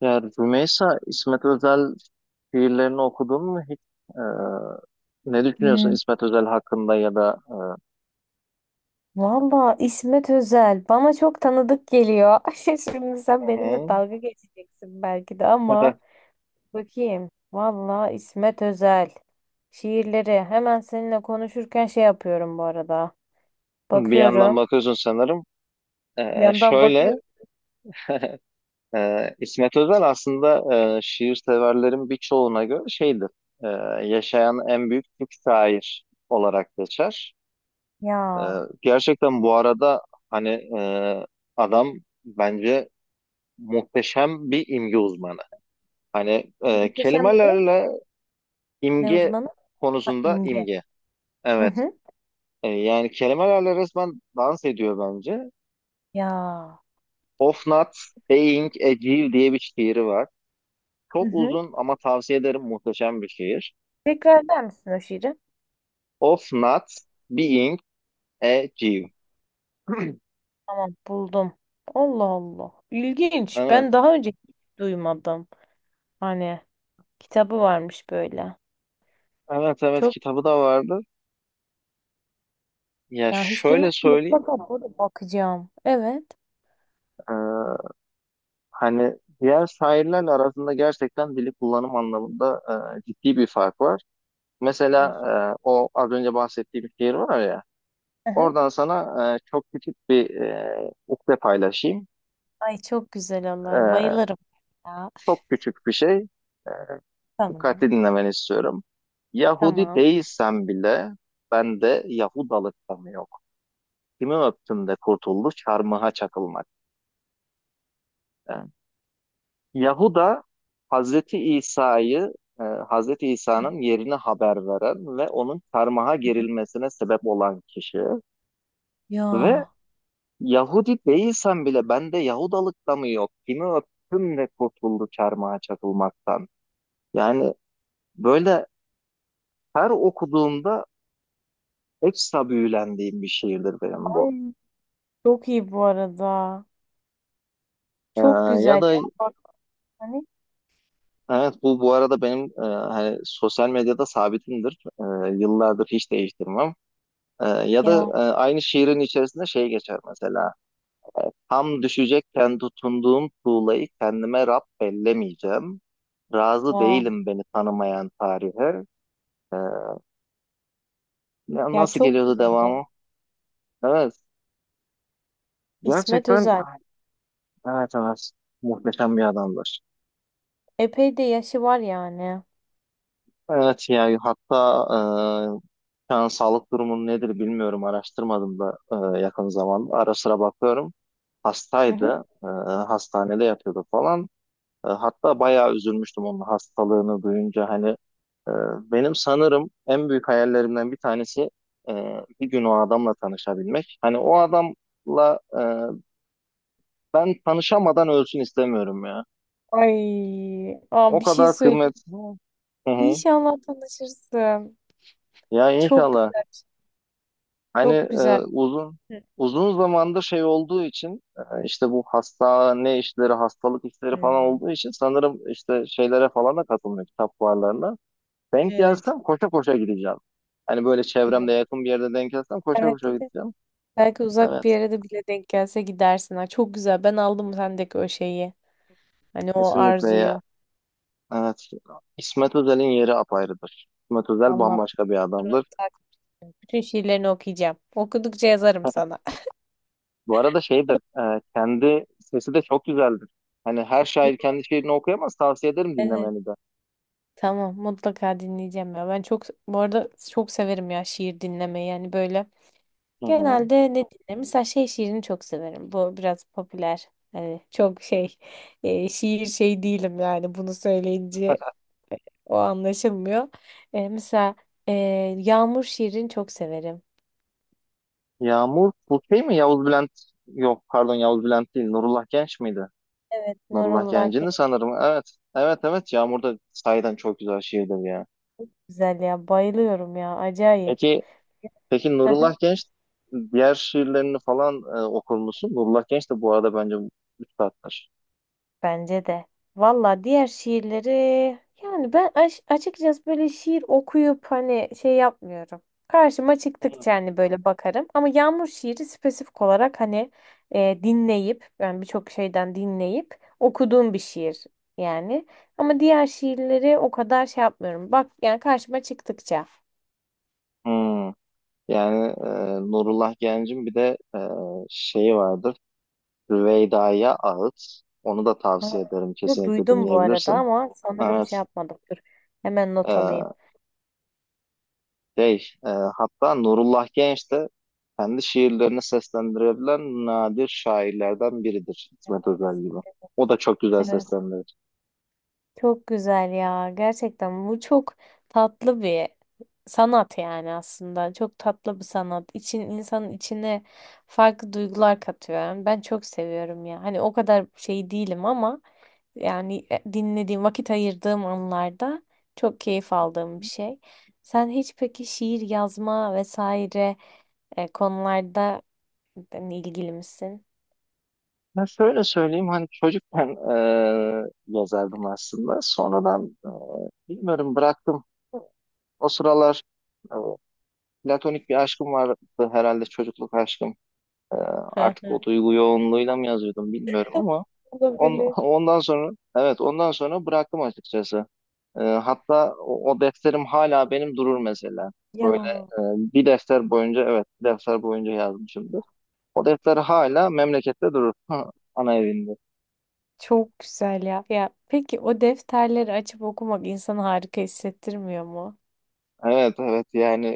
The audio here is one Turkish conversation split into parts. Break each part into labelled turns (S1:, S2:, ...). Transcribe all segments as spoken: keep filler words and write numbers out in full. S1: Ya Rümeysa, İsmet Özel şiirlerini okudun mu hiç? Ee, Ne düşünüyorsun
S2: Hmm,
S1: İsmet Özel hakkında ya da e,
S2: valla İsmet Özel bana çok tanıdık geliyor. Şimdi sen
S1: Hı
S2: benimle
S1: hı.
S2: dalga geçeceksin belki de ama bakayım. Valla İsmet Özel şiirleri hemen seninle konuşurken şey yapıyorum bu arada.
S1: Bir yandan
S2: Bakıyorum.
S1: bakıyorsun sanırım.
S2: Bir
S1: Ee,
S2: yandan
S1: şöyle,
S2: bakıyorum.
S1: e, İsmet Özel aslında, e, şiir severlerin birçoğuna göre şeydir. e, Yaşayan en büyük Türk şair olarak geçer. E,
S2: Ya
S1: Gerçekten bu arada hani e, adam bence muhteşem bir imge uzmanı. Hani, e,
S2: muhteşem bir ne?
S1: kelimelerle.
S2: Ne
S1: İmge
S2: uzmanı? Ha,
S1: konusunda,
S2: İmge.
S1: imge.
S2: Hı
S1: Evet.
S2: hı.
S1: E, yani kelimelerle resmen dans ediyor bence.
S2: Ya.
S1: Of Not Being a Jew diye bir şiiri var.
S2: Hı
S1: Çok
S2: hı.
S1: uzun ama tavsiye ederim, muhteşem bir şiir.
S2: Tekrar eder misin o şiiri?
S1: Of Not Being a Jew.
S2: Tamam buldum. Allah Allah. İlginç. Ben
S1: Evet.
S2: daha önce hiç duymadım. Hani. Kitabı varmış böyle.
S1: Evet, evet,
S2: Çok
S1: kitabı da vardı. Ya
S2: ya hiç duymadım.
S1: şöyle söyleyeyim,
S2: Mutlaka burada bakacağım. Evet.
S1: e, hani diğer şairlerle arasında gerçekten dili kullanım anlamında e, ciddi bir fark var. Mesela,
S2: Biliyorsun.
S1: e, o az önce bahsettiğim şiir var ya.
S2: Aha.
S1: Oradan sana, e, çok küçük bir, e, ukde paylaşayım.
S2: Ay çok güzel olur.
S1: E,
S2: Bayılırım ya.
S1: Çok küçük bir şey. E,
S2: Tamam.
S1: Dikkatli dinlemeni istiyorum. Yahudi
S2: Tamam.
S1: değilsen bile bende Yahudalık da mı yok? Kimi öptüm de kurtuldu çarmıha çakılmak. E, Yahuda Hazreti İsa'yı, e, Hazreti İsa'nın yerine haber veren ve onun çarmıha gerilmesine sebep olan kişi. Ve
S2: Ya.
S1: Yahudi değilsen bile bende Yahudalık da mı yok? Kimi öptüm de kurtuldu çarmıha çakılmaktan. Yani böyle, her okuduğumda ekstra büyülendiğim bir şiirdir benim bu.
S2: Ay çok iyi bu arada.
S1: Ee,
S2: Çok
S1: Ya
S2: güzel
S1: da
S2: ya. Bak hani
S1: evet, bu bu arada benim, e, hani sosyal medyada sabitimdir. Ee, yıllardır hiç değiştirmem. Ee, ya da,
S2: ya.
S1: e, aynı şiirin içerisinde şey geçer mesela. Tam düşecekken tutunduğum tuğlayı kendime Rab bellemeyeceğim. Razı
S2: Wow.
S1: değilim beni tanımayan tarihe. Ee, Ya,
S2: Ya
S1: nasıl
S2: çok
S1: geliyordu
S2: güzel ya.
S1: devamı? Evet.
S2: İsmet
S1: Gerçekten,
S2: Özel.
S1: evet, evet. Muhteşem bir adamdır.
S2: Epey de yaşı var yani.
S1: Evet ya, hatta, e, şu an sağlık durumu nedir bilmiyorum. Araştırmadım da e, yakın zamanda. Ara sıra bakıyorum.
S2: Hı hı.
S1: Hastaydı. E, hastanede yatıyordu falan. E, hatta bayağı üzülmüştüm onun hastalığını duyunca. Hani, e, benim sanırım en büyük hayallerimden bir tanesi, e, bir gün o adamla tanışabilmek. Hani o adamla, e, ben tanışamadan ölsün istemiyorum ya.
S2: Ay. Aa,
S1: O
S2: bir şey
S1: kadar
S2: söyleyeyim.
S1: kıymetli. Hı hı.
S2: İnşallah tanışırsın.
S1: Ya
S2: Çok
S1: inşallah. Hani,
S2: çok
S1: e,
S2: güzel.
S1: uzun uzun zamandır şey olduğu için, e, işte bu hastane işleri, hastalık işleri
S2: Hı hı.
S1: falan olduğu için, sanırım işte şeylere falan da katılmıyor, kitap fuarlarına. Denk
S2: Evet.
S1: gelsem koşa koşa gideceğim. Hani böyle çevremde
S2: Bilmiyorum.
S1: yakın bir yerde denk gelsem koşa koşa
S2: Belki de
S1: gideceğim.
S2: belki uzak bir
S1: Evet.
S2: yere de bile denk gelse gidersin. Ha, çok güzel. Ben aldım sendeki o şeyi. Hani o
S1: Kesinlikle ya.
S2: arzuyu.
S1: Evet. İsmet Özel'in yeri apayrıdır. İsmet Özel
S2: Vallahi
S1: bambaşka bir
S2: bunları
S1: adamdır.
S2: tak- bütün şiirlerini okuyacağım. Okudukça yazarım sana.
S1: Bu arada şeydir, e, kendi sesi de çok güzeldir. Hani her
S2: Ya,
S1: şair kendi şiirini okuyamaz, tavsiye ederim
S2: evet.
S1: dinlemeni de.
S2: Tamam, mutlaka dinleyeceğim ya. Ben çok bu arada çok severim ya şiir dinlemeyi. Yani böyle
S1: Hı hı.
S2: genelde ne dinlerim? Mesela şey şiirini çok severim. Bu biraz popüler. Hani çok şey e, şiir şey değilim yani bunu söyleyince o anlaşılmıyor. E, mesela e, Yağmur şiirini çok severim.
S1: Yağmur, bu şey mi? Yavuz Bülent, yok pardon Yavuz Bülent değil, Nurullah Genç miydi? Nurullah
S2: Nurullah
S1: Genç'indi sanırım, evet. Evet evet, Yağmur da sahiden çok güzel şiirdir ya.
S2: güzel ya. Bayılıyorum ya. Acayip.
S1: Peki, peki Nurullah Genç diğer şiirlerini falan e, okur musun? Nurullah Genç de bu arada bence üstattır.
S2: Bence de. Valla diğer şiirleri yani ben aş- açıkçası böyle şiir okuyup hani şey yapmıyorum. Karşıma çıktıkça
S1: Hmm.
S2: hani böyle bakarım. Ama Yağmur şiiri spesifik olarak hani e, dinleyip yani birçok şeyden dinleyip okuduğum bir şiir yani. Ama diğer şiirleri o kadar şey yapmıyorum. Bak yani karşıma çıktıkça.
S1: Hmm. Yani, e, Nurullah Genç'in bir de, e, şeyi vardır. Rüveyda'ya ait. Onu da
S2: Ha,
S1: tavsiye ederim.
S2: bunu
S1: Kesinlikle
S2: duydum bu arada
S1: dinleyebilirsin.
S2: ama sanırım şey
S1: Evet.
S2: yapmadım. Dur hemen not alayım.
S1: Ee, şey, e, Hatta Nurullah Genç de kendi şiirlerini seslendirebilen nadir şairlerden biridir, İsmet
S2: Evet.
S1: Özel gibi. O da çok güzel
S2: Evet.
S1: seslendirir.
S2: Çok güzel ya. Gerçekten bu çok tatlı bir sanat yani aslında. Çok tatlı bir sanat. İçin insanın içine farklı duygular katıyor. Yani ben çok seviyorum ya. Hani o kadar şey değilim ama yani e, dinlediğim, vakit ayırdığım anlarda çok keyif aldığım bir şey. Sen hiç peki şiir yazma vesaire e, konularda hani ilgili misin?
S1: Ben şöyle söyleyeyim, hani çocukken, e, yazardım aslında. Sonradan, e, bilmiyorum, bıraktım. O sıralar, e, platonik bir aşkım vardı, herhalde çocukluk aşkım. E, Artık o duygu yoğunluğuyla mı yazıyordum bilmiyorum ama On,
S2: Olabilir.
S1: ondan sonra, evet, ondan sonra bıraktım açıkçası. Ee, hatta o, o defterim hala benim durur mesela.
S2: Ya.
S1: Ee, bir defter boyunca evet bir defter boyunca yazmışımdır. O defter hala memlekette durur. Ana evinde.
S2: Çok güzel ya. Ya peki o defterleri açıp okumak insanı harika hissettirmiyor mu?
S1: Evet, evet, yani,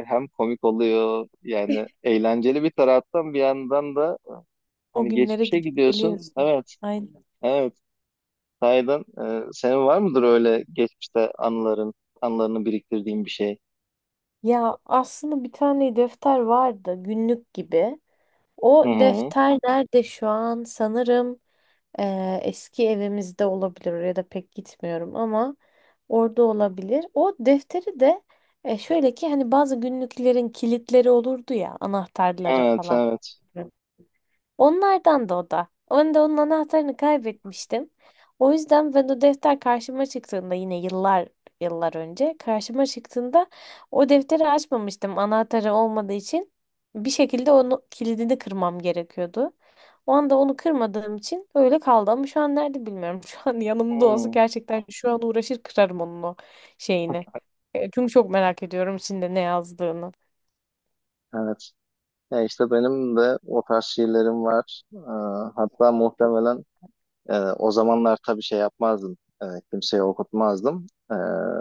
S1: e, hem komik oluyor yani, eğlenceli bir taraftan, bir yandan da
S2: O
S1: hani
S2: günlere
S1: geçmişe
S2: gidip
S1: gidiyorsun.
S2: geliyorsun.
S1: Evet,
S2: Aynen.
S1: evet, sahiden. E, senin var mıdır öyle geçmişte anıların anılarını biriktirdiğin bir şey?
S2: Ya aslında bir tane defter vardı günlük gibi. O
S1: Hı hı.
S2: defter nerede şu an? Sanırım eee, eski evimizde olabilir. Oraya da pek gitmiyorum ama orada olabilir. O defteri de e, şöyle ki hani bazı günlüklerin kilitleri olurdu ya anahtarları
S1: Evet,
S2: falan.
S1: evet.
S2: Onlardan da o da. Ben de onun anahtarını kaybetmiştim. O yüzden ben o defter karşıma çıktığında yine yıllar yıllar önce karşıma çıktığında o defteri açmamıştım anahtarı olmadığı için. Bir şekilde onu kilidini kırmam gerekiyordu. O anda onu kırmadığım için öyle kaldı ama şu an nerede bilmiyorum. Şu an yanımda olsa
S1: Hı.
S2: gerçekten şu an uğraşır kırarım onun o şeyini. E, Çünkü çok merak ediyorum içinde ne yazdığını.
S1: Evet. Ya işte benim de o tarz şiirlerim var. Ee, hatta muhtemelen, e, o zamanlar tabii şey yapmazdım. E, Kimseye okutmazdım. E,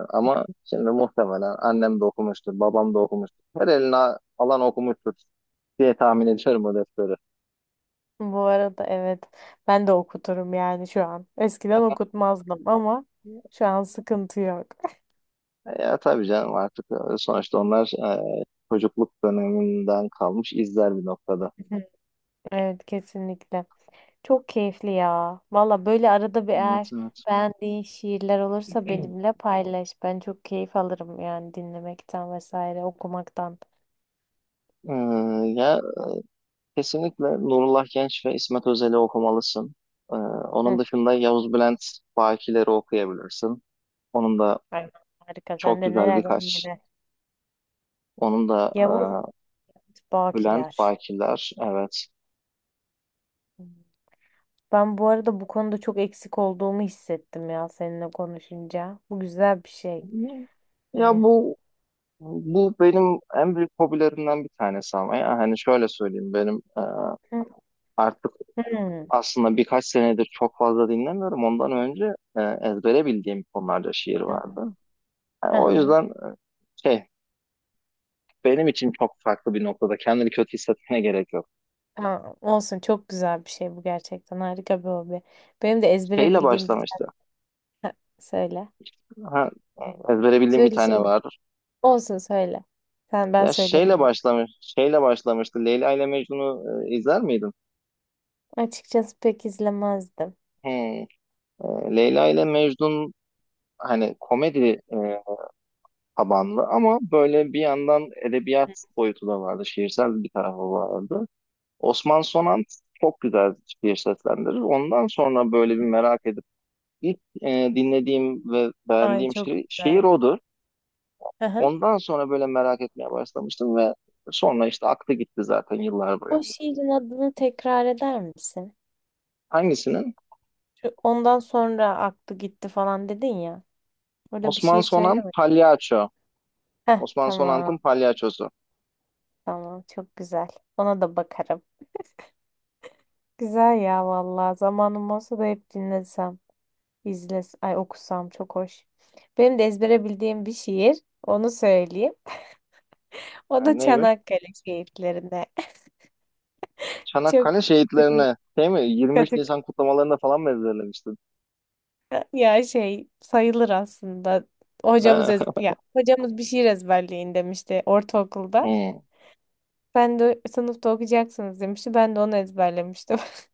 S1: ama şimdi muhtemelen annem de okumuştur, babam da okumuştur. Her eline alan okumuştur diye tahmin ediyorum o defteri.
S2: Bu arada evet ben de okuturum yani şu an. Eskiden okutmazdım ama şu an sıkıntı yok.
S1: E, ya tabii canım, artık, e, sonuçta onlar, e, çocukluk döneminden kalmış izler bir noktada.
S2: Evet kesinlikle. Çok keyifli ya. Valla böyle arada bir
S1: Evet,
S2: eğer
S1: evet.
S2: beğendiğin şiirler olursa benimle paylaş. Ben çok keyif alırım yani dinlemekten vesaire okumaktan.
S1: Ee, Ya kesinlikle Nurullah Genç ve İsmet Özel'i okumalısın. Ee, Onun
S2: Hı.
S1: dışında Yavuz Bülent Bakiler'i okuyabilirsin. Onun da
S2: Aynen, harika. Sen
S1: çok
S2: de
S1: güzel
S2: neler var
S1: birkaç.
S2: neler.
S1: Onun da,
S2: Yavuz
S1: e, Bülent
S2: Bakiler.
S1: Bakiler, evet.
S2: Hmm. Ben bu arada bu konuda çok eksik olduğumu hissettim ya seninle konuşunca. Bu güzel bir şey.
S1: Ya
S2: Hani.
S1: bu, bu benim en büyük hobilerimden bir tanesi, ama ya hani şöyle söyleyeyim, benim, e, artık
S2: Hmm.
S1: aslında birkaç senedir çok fazla dinlemiyorum. Ondan önce, e, ezbere bildiğim konularda şiir vardı. Yani
S2: Hı
S1: o
S2: hı.
S1: yüzden, e, şey benim için çok farklı bir noktada. Kendini kötü hissetmene gerek yok.
S2: Ha, olsun çok güzel bir şey bu gerçekten harika bir hobi. Benim de ezbere
S1: Şeyle
S2: bildiğim bir
S1: başlamıştı.
S2: tane söyle.
S1: Ha, ezbere bildiğim bir
S2: Söyle
S1: tane
S2: söyle.
S1: vardır.
S2: Olsun söyle. Sen ben
S1: Ya
S2: söylerim
S1: şeyle
S2: onu.
S1: başlamış, şeyle başlamıştı. Leyla ile Mecnun'u, e, izler miydin?
S2: Açıkçası pek izlemezdim.
S1: Hmm. E, Leyla ile Mecnun, hani komedi, e, tabanlı ama böyle bir yandan edebiyat boyutu da vardı. Şiirsel bir tarafı vardı. Osman Sonant çok güzel şiir seslendirir. Ondan sonra böyle bir merak edip ilk, e, dinlediğim ve
S2: Ay
S1: beğendiğim
S2: çok
S1: şiir, şiir
S2: güzel.
S1: odur.
S2: Hı hı.
S1: Ondan sonra böyle merak etmeye başlamıştım ve sonra işte aklı gitti zaten yıllar boyu.
S2: O şiirin adını tekrar eder misin?
S1: Hangisinin?
S2: Şu, ondan sonra aklı gitti falan dedin ya. Orada bir
S1: Osman
S2: şiir
S1: Sonan
S2: söyleme.
S1: Palyaço.
S2: Heh
S1: Osman
S2: tamam
S1: Sonant'ın palyaçosu.
S2: tamam çok güzel. Ona da bakarım. Güzel ya vallahi zamanım olsa da hep dinlesem. İzles, ay okusam çok hoş. Benim de ezbere bildiğim bir şiir. Onu söyleyeyim. O da
S1: Yani neymiş?
S2: Çanakkale şiirlerine. Çok
S1: Çanakkale
S2: katı
S1: şehitlerini değil mi? yirmi üç
S2: katı-
S1: Nisan kutlamalarında falan mı ezberlemiştin?
S2: ya şey sayılır aslında.
S1: Ha?
S2: Hocamız ez- ya hocamız bir şiir ezberleyin demişti ortaokulda.
S1: Hmm.
S2: Ben de sınıfta okuyacaksınız demişti. Ben de onu ezberlemiştim.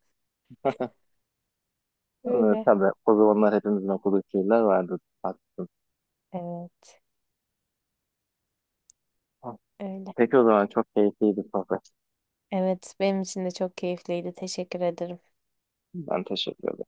S1: Evet,
S2: Öyle.
S1: tabii o zamanlar hepimizin okuduğu şeyler vardı. Haklısın.
S2: Evet, öyle.
S1: Peki o zaman çok keyifliydi sohbet.
S2: Evet, benim için de çok keyifliydi. Teşekkür ederim.
S1: Ben teşekkür ederim.